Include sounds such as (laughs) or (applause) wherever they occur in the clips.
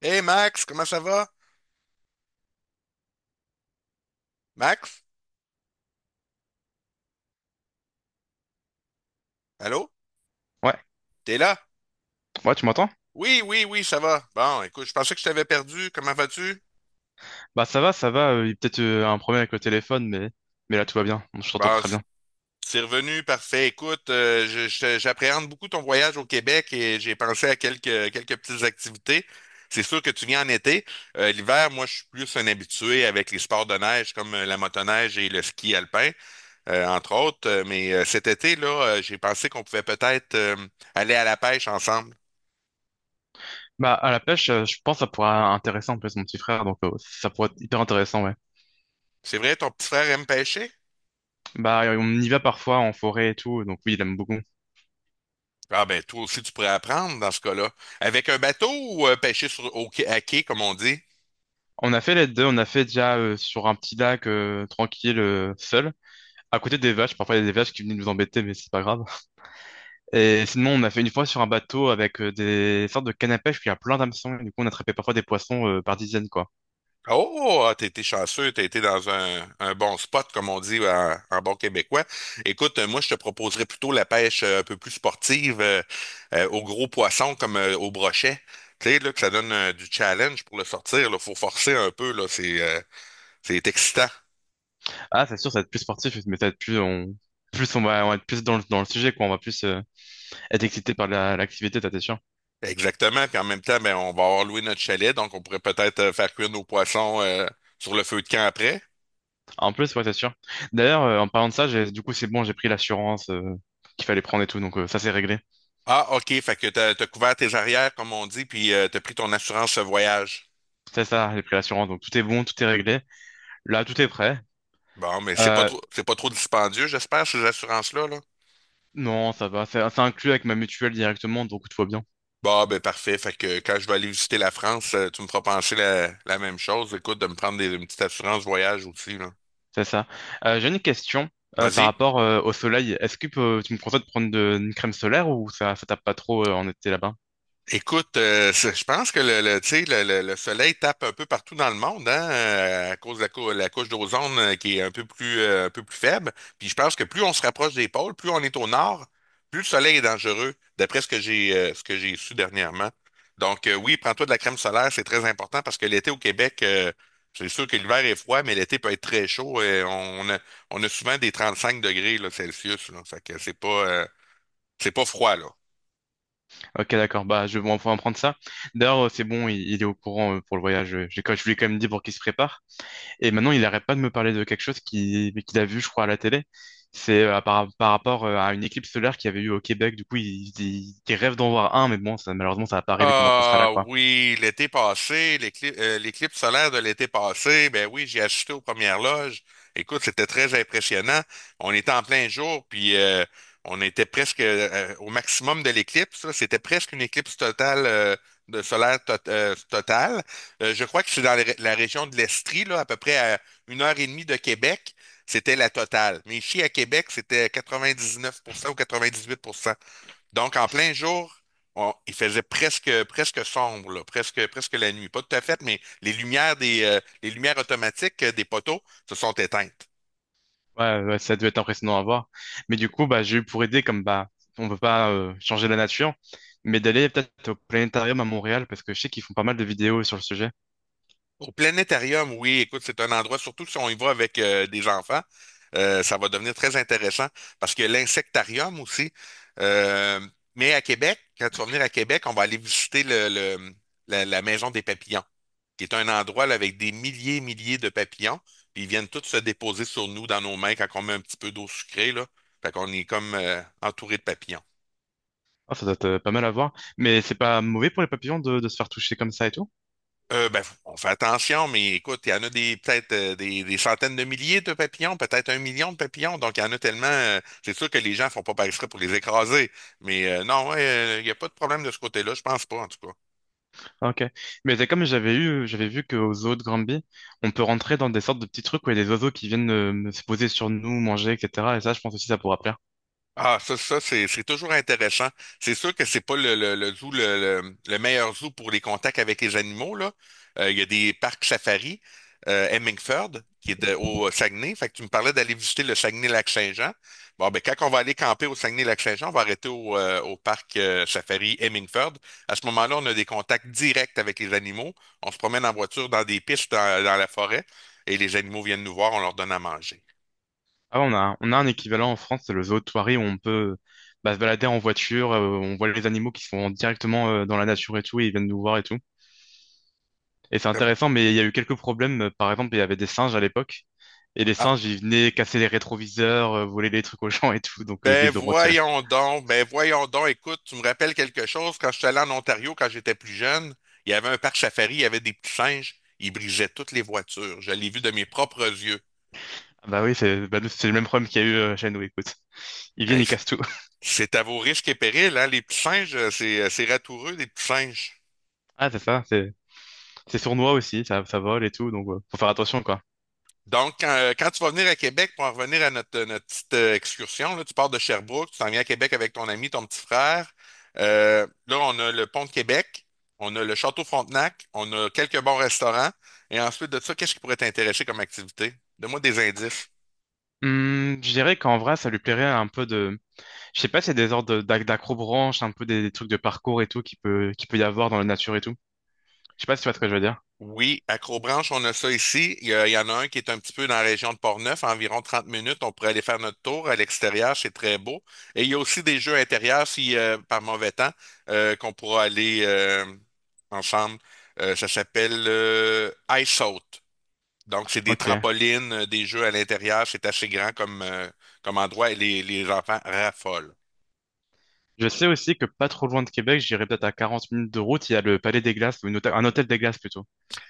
Hey Max, comment ça va? Max? Allô? Ouais, T'es là? ouais, tu m'entends? Oui, oui, oui, ça va. Bon, écoute, je pensais que je t'avais perdu. Comment vas-tu? Bah ça va, il y a peut-être un problème avec le téléphone, mais là tout va bien. Bon, je t'entends Bon, très bien. c'est revenu, parfait. Écoute, j'appréhende beaucoup ton voyage au Québec et j'ai pensé à quelques petites activités. C'est sûr que tu viens en été. L'hiver, moi, je suis plus un habitué avec les sports de neige comme la motoneige et le ski alpin, entre autres. Mais cet été, là, j'ai pensé qu'on pouvait peut-être aller à la pêche ensemble. Bah à la pêche, je pense que ça pourrait être intéressant, en plus mon petit frère, donc ça pourrait être hyper intéressant, ouais. C'est vrai, ton petit frère aime pêcher? Bah, on y va parfois en forêt et tout, donc oui, il aime beaucoup. Ah ben toi aussi tu pourrais apprendre dans ce cas-là. Avec un bateau ou pêcher à quai, comme on dit? On a fait les deux, on a fait déjà sur un petit lac tranquille, seul, à côté des vaches, parfois il y a des vaches qui venaient nous embêter, mais c'est pas grave. Et sinon, on a fait une fois sur un bateau avec des sortes de cannes à pêche, puis il y a plein d'hameçons, et du coup, on attrapait parfois des poissons par dizaines, quoi. Oh, ah, t'as été chanceux, t'as été dans un bon spot, comme on dit en bon québécois. Écoute, moi, je te proposerais plutôt la pêche un peu plus sportive aux gros poissons comme au brochet. Tu sais, là, que ça donne du challenge pour le sortir. Il faut forcer un peu, là. C'est excitant. Ah, c'est sûr, ça va être plus sportif, mais ça va être plus, plus on va être plus dans le sujet, quoi. On va plus être excité par l'activité, ça, c'est sûr. Exactement. Puis en même temps, ben, on va avoir loué notre chalet, donc on pourrait peut-être faire cuire nos poissons sur le feu de camp après. En plus, ouais, c'est sûr. D'ailleurs, en parlant de ça, du coup, c'est bon, j'ai pris l'assurance qu'il fallait prendre et tout, donc ça, c'est réglé. Ah, OK, fait que t'as couvert tes arrières, comme on dit, puis t'as pris ton assurance voyage. C'est ça, j'ai pris l'assurance, donc tout est bon, tout est réglé. Là, tout est prêt. Bon, mais c'est pas Euh, trop, c'est pas trop dispendieux, j'espère, ces assurances-là, là. non, ça va, c'est inclus avec ma mutuelle directement, donc tout va bien. Bon, ben parfait. Fait que quand je vais aller visiter la France, tu me feras penser la même chose. Écoute, de me prendre une petite assurance voyage aussi, là. C'est ça. J'ai une question par Vas-y. rapport au soleil. Est-ce que tu me conseilles de prendre une crème solaire ou ça tape pas trop en été là-bas? Écoute, je pense que tu sais, le soleil tape un peu partout dans le monde, hein, à cause de la couche d'ozone qui est un peu plus faible. Puis je pense que plus on se rapproche des pôles, plus on est au nord, plus le soleil est dangereux, d'après ce que j'ai su dernièrement. Donc oui, prends-toi de la crème solaire, c'est très important parce que l'été au Québec, c'est sûr que l'hiver est froid, mais l'été peut être très chaud. Et on a, on a souvent des 35 degrés là, Celsius. Là, fait que c'est pas froid, là. Ok, d'accord. Bah, je vais en prendre ça. D'ailleurs, c'est bon, il est au courant pour le voyage. Je lui ai quand même dit pour qu'il se prépare. Et maintenant, il arrête pas de me parler de quelque chose qu'il a vu, je crois, à la télé. C'est par rapport à une éclipse solaire qu'il y avait eu au Québec. Du coup, il rêve d'en voir un, mais bon, ça, malheureusement, ça va pas arriver pendant qu'on sera là, Ah quoi. oui, l'été passé, l'éclipse solaire de l'été passé, ben oui, j'ai assisté aux premières loges. Écoute, c'était très impressionnant. On était en plein jour, puis on était presque au maximum de l'éclipse là. C'était presque une éclipse totale de solaire tot- totale. Je crois que c'est dans la la région de l'Estrie, là, à peu près à une heure et demie de Québec, c'était la totale. Mais ici à Québec, c'était 99% ou 98%. Donc, en plein jour, il faisait presque, presque sombre, là, presque, presque la nuit. Pas tout à fait, mais les lumières les lumières automatiques des poteaux se sont éteintes. Ouais, ouais, ouais, ça doit être impressionnant à voir. Mais du coup, bah, j'ai eu pour aider, comme bah, on peut pas changer la nature, mais d'aller peut-être au planétarium à Montréal, parce que je sais qu'ils font pas mal de vidéos sur le sujet. Au planétarium, oui, écoute, c'est un endroit, surtout si on y va avec des enfants, ça va devenir très intéressant parce que l'insectarium aussi. euh, mais à Québec, quand tu vas venir à Québec, on va aller visiter la maison des papillons, qui est un endroit là, avec des milliers et milliers de papillons. Puis ils viennent tous se déposer sur nous, dans nos mains, quand on met un petit peu d'eau sucrée, là. Fait qu'on est comme entouré de papillons. Ah, ça doit être pas mal à voir. Mais c'est pas mauvais pour les papillons de se faire toucher comme ça et tout? Ben, on fait attention, mais écoute, il y en a des peut-être des centaines de milliers de papillons, peut-être un million de papillons, donc il y en a tellement. C'est sûr que les gens font pas par exprès pour les écraser, mais non, ouais, il n'y a pas de problème de ce côté-là, je pense pas en tout cas. Ok. Mais c'est comme j'avais vu qu'au zoos de Granby, on peut rentrer dans des sortes de petits trucs où il y a des oiseaux qui viennent se poser sur nous, manger, etc. Et ça, je pense aussi, ça pourra plaire. Ah, ça, c'est toujours intéressant. C'est sûr que c'est pas le zoo, le meilleur zoo pour les contacts avec les animaux, là. Il y a des parcs safari, Hemingford, qui est au Saguenay. Fait que tu me parlais d'aller visiter le Saguenay-Lac-Saint-Jean. Bon, ben, quand on va aller camper au Saguenay-Lac-Saint-Jean, on va arrêter au parc safari Hemingford. À ce moment-là, on a des contacts directs avec les animaux. On se promène en voiture dans des pistes dans la forêt et les animaux viennent nous voir, on leur donne à manger. Ah, ouais, on a un équivalent en France, c'est le zoo de Thoiry, où on peut bah, se balader en voiture, on voit les animaux qui sont directement dans la nature et tout, et ils viennent nous voir et tout. Et c'est Comme- intéressant, mais il y a eu quelques problèmes. Par exemple, il y avait des singes à l'époque. Et les ah, singes, ils venaient casser les rétroviseurs, voler les trucs aux gens et tout. Donc, ils les ont retirés. Ben voyons donc, écoute, tu me rappelles quelque chose, quand je suis allé en Ontario, quand j'étais plus jeune, il y avait un parc safari, il y avait des petits singes, ils brisaient toutes les voitures, je l'ai vu de mes propres yeux. Ah, bah oui, c'est bah, nous, c'est le même problème qu'il y a eu chez nous, écoute. Ils viennent, Hey, ils cassent tout. (laughs) c'est à vos risques et périls, hein, les petits singes, c'est ratoureux, les petits singes. Ah, c'est ça. C'est sournois aussi. Ça vole et tout. Donc, faut faire attention, quoi. Donc, quand tu vas venir à Québec, pour en revenir à notre petite excursion, là, tu pars de Sherbrooke, tu t'en viens à Québec avec ton ami, ton petit frère. Là, on a le pont de Québec, on a le Château Frontenac, on a quelques bons restaurants. Et ensuite de ça, qu'est-ce qui pourrait t'intéresser comme activité? Donne-moi des indices. Je dirais qu'en vrai, ça lui plairait un peu de. Je sais pas, c'est des ordres d'accrobranche, un peu des trucs de parcours et tout qui peut y avoir dans la nature et tout. Je sais pas si tu vois ce que je veux dire. Oui, à Crobranche, on a ça ici. Il y en a un qui est un petit peu dans la région de Portneuf, à environ 30 minutes. On pourrait aller faire notre tour à l'extérieur, c'est très beau. Et il y a aussi des jeux intérieurs, si par mauvais temps, qu'on pourra aller ensemble. Ça s'appelle Ice Out. Donc, c'est des Ok. trampolines, des jeux à l'intérieur. C'est assez grand comme endroit et les enfants raffolent. Je sais aussi que pas trop loin de Québec, j'irai peut-être à 40 minutes de route, il y a le Palais des Glaces, ou un hôtel des Glaces plutôt,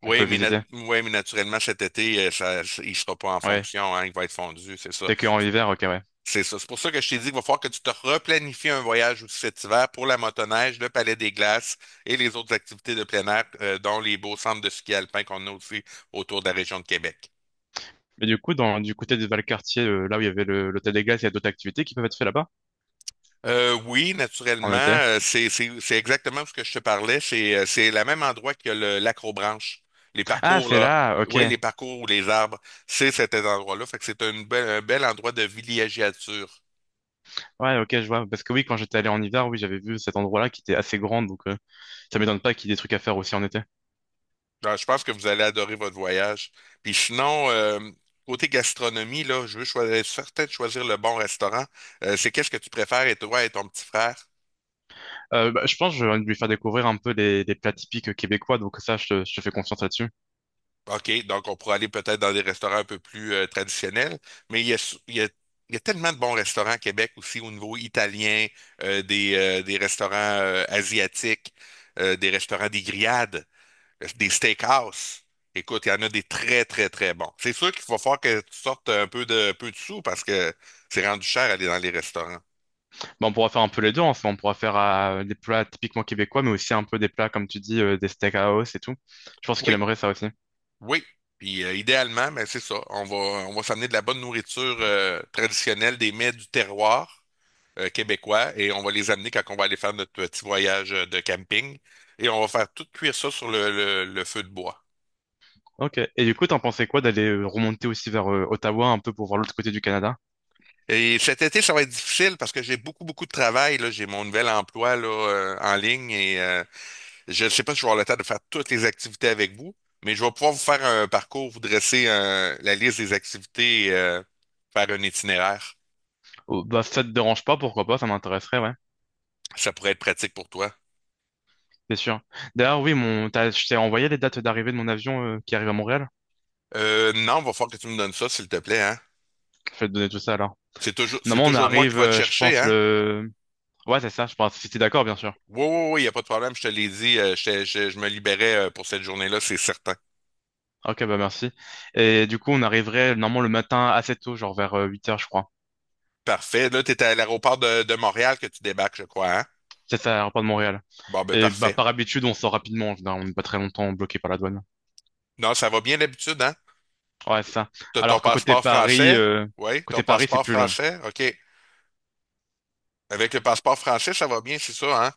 qu'on Oui, peut mais, visiter. ouais, mais naturellement, cet été, ça, il ne sera pas en Ouais. fonction, hein, il va être fondu, c'est ça. T'es que en hiver, ok, ouais. C'est ça. C'est pour ça que je t'ai dit qu'il va falloir que tu te replanifies un voyage aussi cet hiver pour la motoneige, le Palais des Glaces et les autres activités de plein air, dont les beaux centres de ski alpin qu'on a aussi autour de la région de Québec. Mais du coup, du côté de Valcartier, là où il y avait l'hôtel des Glaces, il y a d'autres activités qui peuvent être faites là-bas, Oui, en naturellement, été. C'est exactement ce que je te parlais. C'est le même endroit que le l'acrobranche. Les Ah, parcours, c'est là. là, ok. Oui, les parcours ou les arbres, c'est cet endroit-là. Fait que c'est un bel endroit de villégiature. Ouais, ok, je vois. Parce que oui, quand j'étais allé en hiver, oui, j'avais vu cet endroit-là qui était assez grand, donc, ça m'étonne pas qu'il y ait des trucs à faire aussi en été. Ah, je pense que vous allez adorer votre voyage. Puis sinon, côté gastronomie, là, je veux choisir, certain de choisir le bon restaurant. C'est qu'est-ce que tu préfères, et toi et ton petit frère? Bah, je pense que je vais lui faire découvrir un peu les plats typiques québécois, donc ça, je te fais confiance là-dessus. OK, donc on pourrait aller peut-être dans des restaurants un peu plus traditionnels, mais il y a, s- il y a tellement de bons restaurants à Québec aussi au niveau italien, des restaurants asiatiques, des restaurants des grillades. Des steakhouse. Écoute, il y en a des très, très, très bons. C'est sûr qu'il va falloir que tu sortes un peu de sous parce que c'est rendu cher aller dans les restaurants. Bah, on pourra faire un peu les deux, en fait. On pourra faire des plats typiquement québécois, mais aussi un peu des plats, comme tu dis, des steakhouse et tout. Je pense qu'il Oui, aimerait ça aussi. oui. Puis idéalement, ben, c'est ça. On va s'amener de la bonne nourriture traditionnelle, des mets du terroir québécois, et on va les amener quand on va aller faire notre petit voyage de camping. Et on va faire tout cuire ça sur le feu de bois. Ok. Et du coup, t'en pensais quoi d'aller remonter aussi vers Ottawa, un peu pour voir l'autre côté du Canada? Et cet été, ça va être difficile parce que j'ai beaucoup, beaucoup de travail, là. J'ai mon nouvel emploi là, en ligne et je ne sais pas si je vais avoir le temps de faire toutes les activités avec vous, mais je vais pouvoir vous faire un parcours, vous dresser la liste des activités et faire un itinéraire. Oh, bah, ça te dérange pas, pourquoi pas, ça m'intéresserait, ouais. Ça pourrait être pratique pour toi. C'est sûr. D'ailleurs, oui, je t'ai envoyé les dates d'arrivée de mon avion qui arrive à Montréal. Non, il va falloir que tu me donnes ça, s'il te plaît, hein? Je vais te donner tout ça alors. C'est toujours, c'est Normalement, on toujours moi qui arrive, va te je chercher, pense, hein? le Ouais, c'est ça, je pense. Si t'es d'accord, bien sûr. Oui, oui, oui, il n'y a pas de problème, je te l'ai dit, je me libérais pour cette journée-là, c'est certain. Ok, bah merci. Et du coup, on arriverait normalement le matin assez tôt, genre vers 8 heures je crois. Parfait. Là, tu es à l'aéroport de Montréal que tu débarques, je crois, hein? C'est ça, à l'aéroport de Montréal. Bon, ben Et bah, parfait. par habitude, on sort rapidement, en général. On n'est pas très longtemps bloqué par la douane. Non, ça va bien d'habitude, hein? Ouais, c'est ça. T'as ton Alors que côté passeport Paris, français? euh, Oui, ton côté Paris, c'est passeport plus long. français? OK. Avec le passeport français, ça va bien, c'est ça, hein?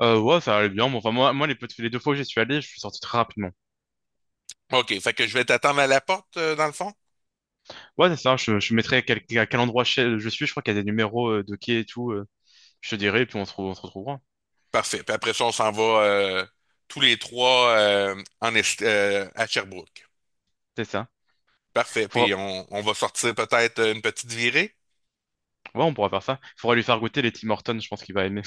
Ouais, ça allait bien. Bon, enfin, moi les deux fois où j'y suis allé, je suis sorti très rapidement. OK, fait que je vais t'attendre à la porte, dans le fond? Ouais, c'est ça. Je mettrai à quel endroit je suis. Je crois qu'il y a des numéros de quai et tout. Je te dirai, et puis on se retrouvera. Parfait. Puis après ça, on s'en va tous les trois à Sherbrooke. C'est ça. Parfait. Puis Faudra- on va sortir peut-être une petite virée. (laughs) Ouais, on pourra faire ça. Faudra lui faire goûter les Tim Hortons, je pense qu'il va aimer.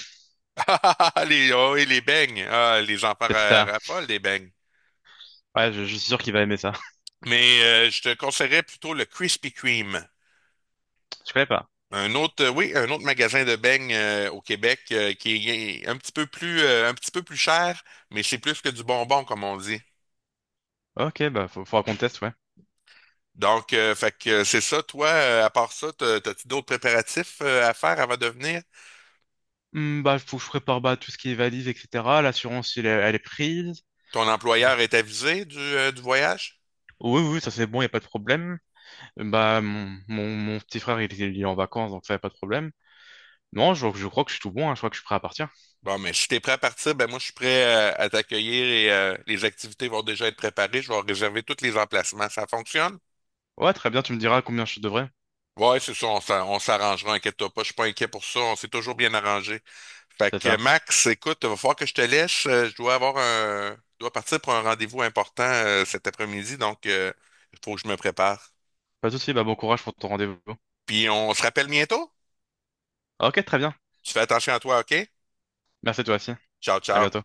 Ah, oh, et les beignes. Ah, les enfants C'est ça. raffolent des beignes. Ouais, je suis sûr qu'il va aimer ça. Mais je te conseillerais plutôt le Krispy Kreme. (laughs) Je connais pas. Un autre, oui, un autre magasin de beignes au Québec qui est un petit peu plus cher, mais c'est plus que du bonbon, comme on dit. Ok, bah, faudra qu'on teste, ouais. Donc, fait que c'est ça, toi, à part ça, t'as-tu d'autres préparatifs à faire avant de venir? Bah, faut que je prépare, bah, tout ce qui est valise, etc. L'assurance, elle est prise. Ton Je crois. employeur est avisé du voyage? Oui, oui, ça c'est bon, il n'y a pas de problème. Bah, mon petit frère, il est en vacances, donc ça y a pas de problème. Non, je crois que je suis tout bon, hein, je crois que je suis prêt à partir. Bon, mais si t'es prêt à partir, ben moi je suis prêt à t'accueillir et les activités vont déjà être préparées. Je vais réserver tous les emplacements. Ça fonctionne? Ouais, très bien, tu me diras combien je devrais. Ouais, c'est ça, on s'arrangera, inquiète-toi pas, je suis pas inquiet pour ça, on s'est toujours bien arrangé. Fait C'est que ça. Max, écoute, va falloir que je te laisse. Je dois partir pour un rendez-vous important cet après-midi, donc il faut que je me prépare. Pas de souci, bah, bon courage pour ton rendez-vous. Puis on se rappelle bientôt? Ok, très bien. Tu fais attention à toi, OK? Merci toi aussi. Ciao, À ciao. bientôt.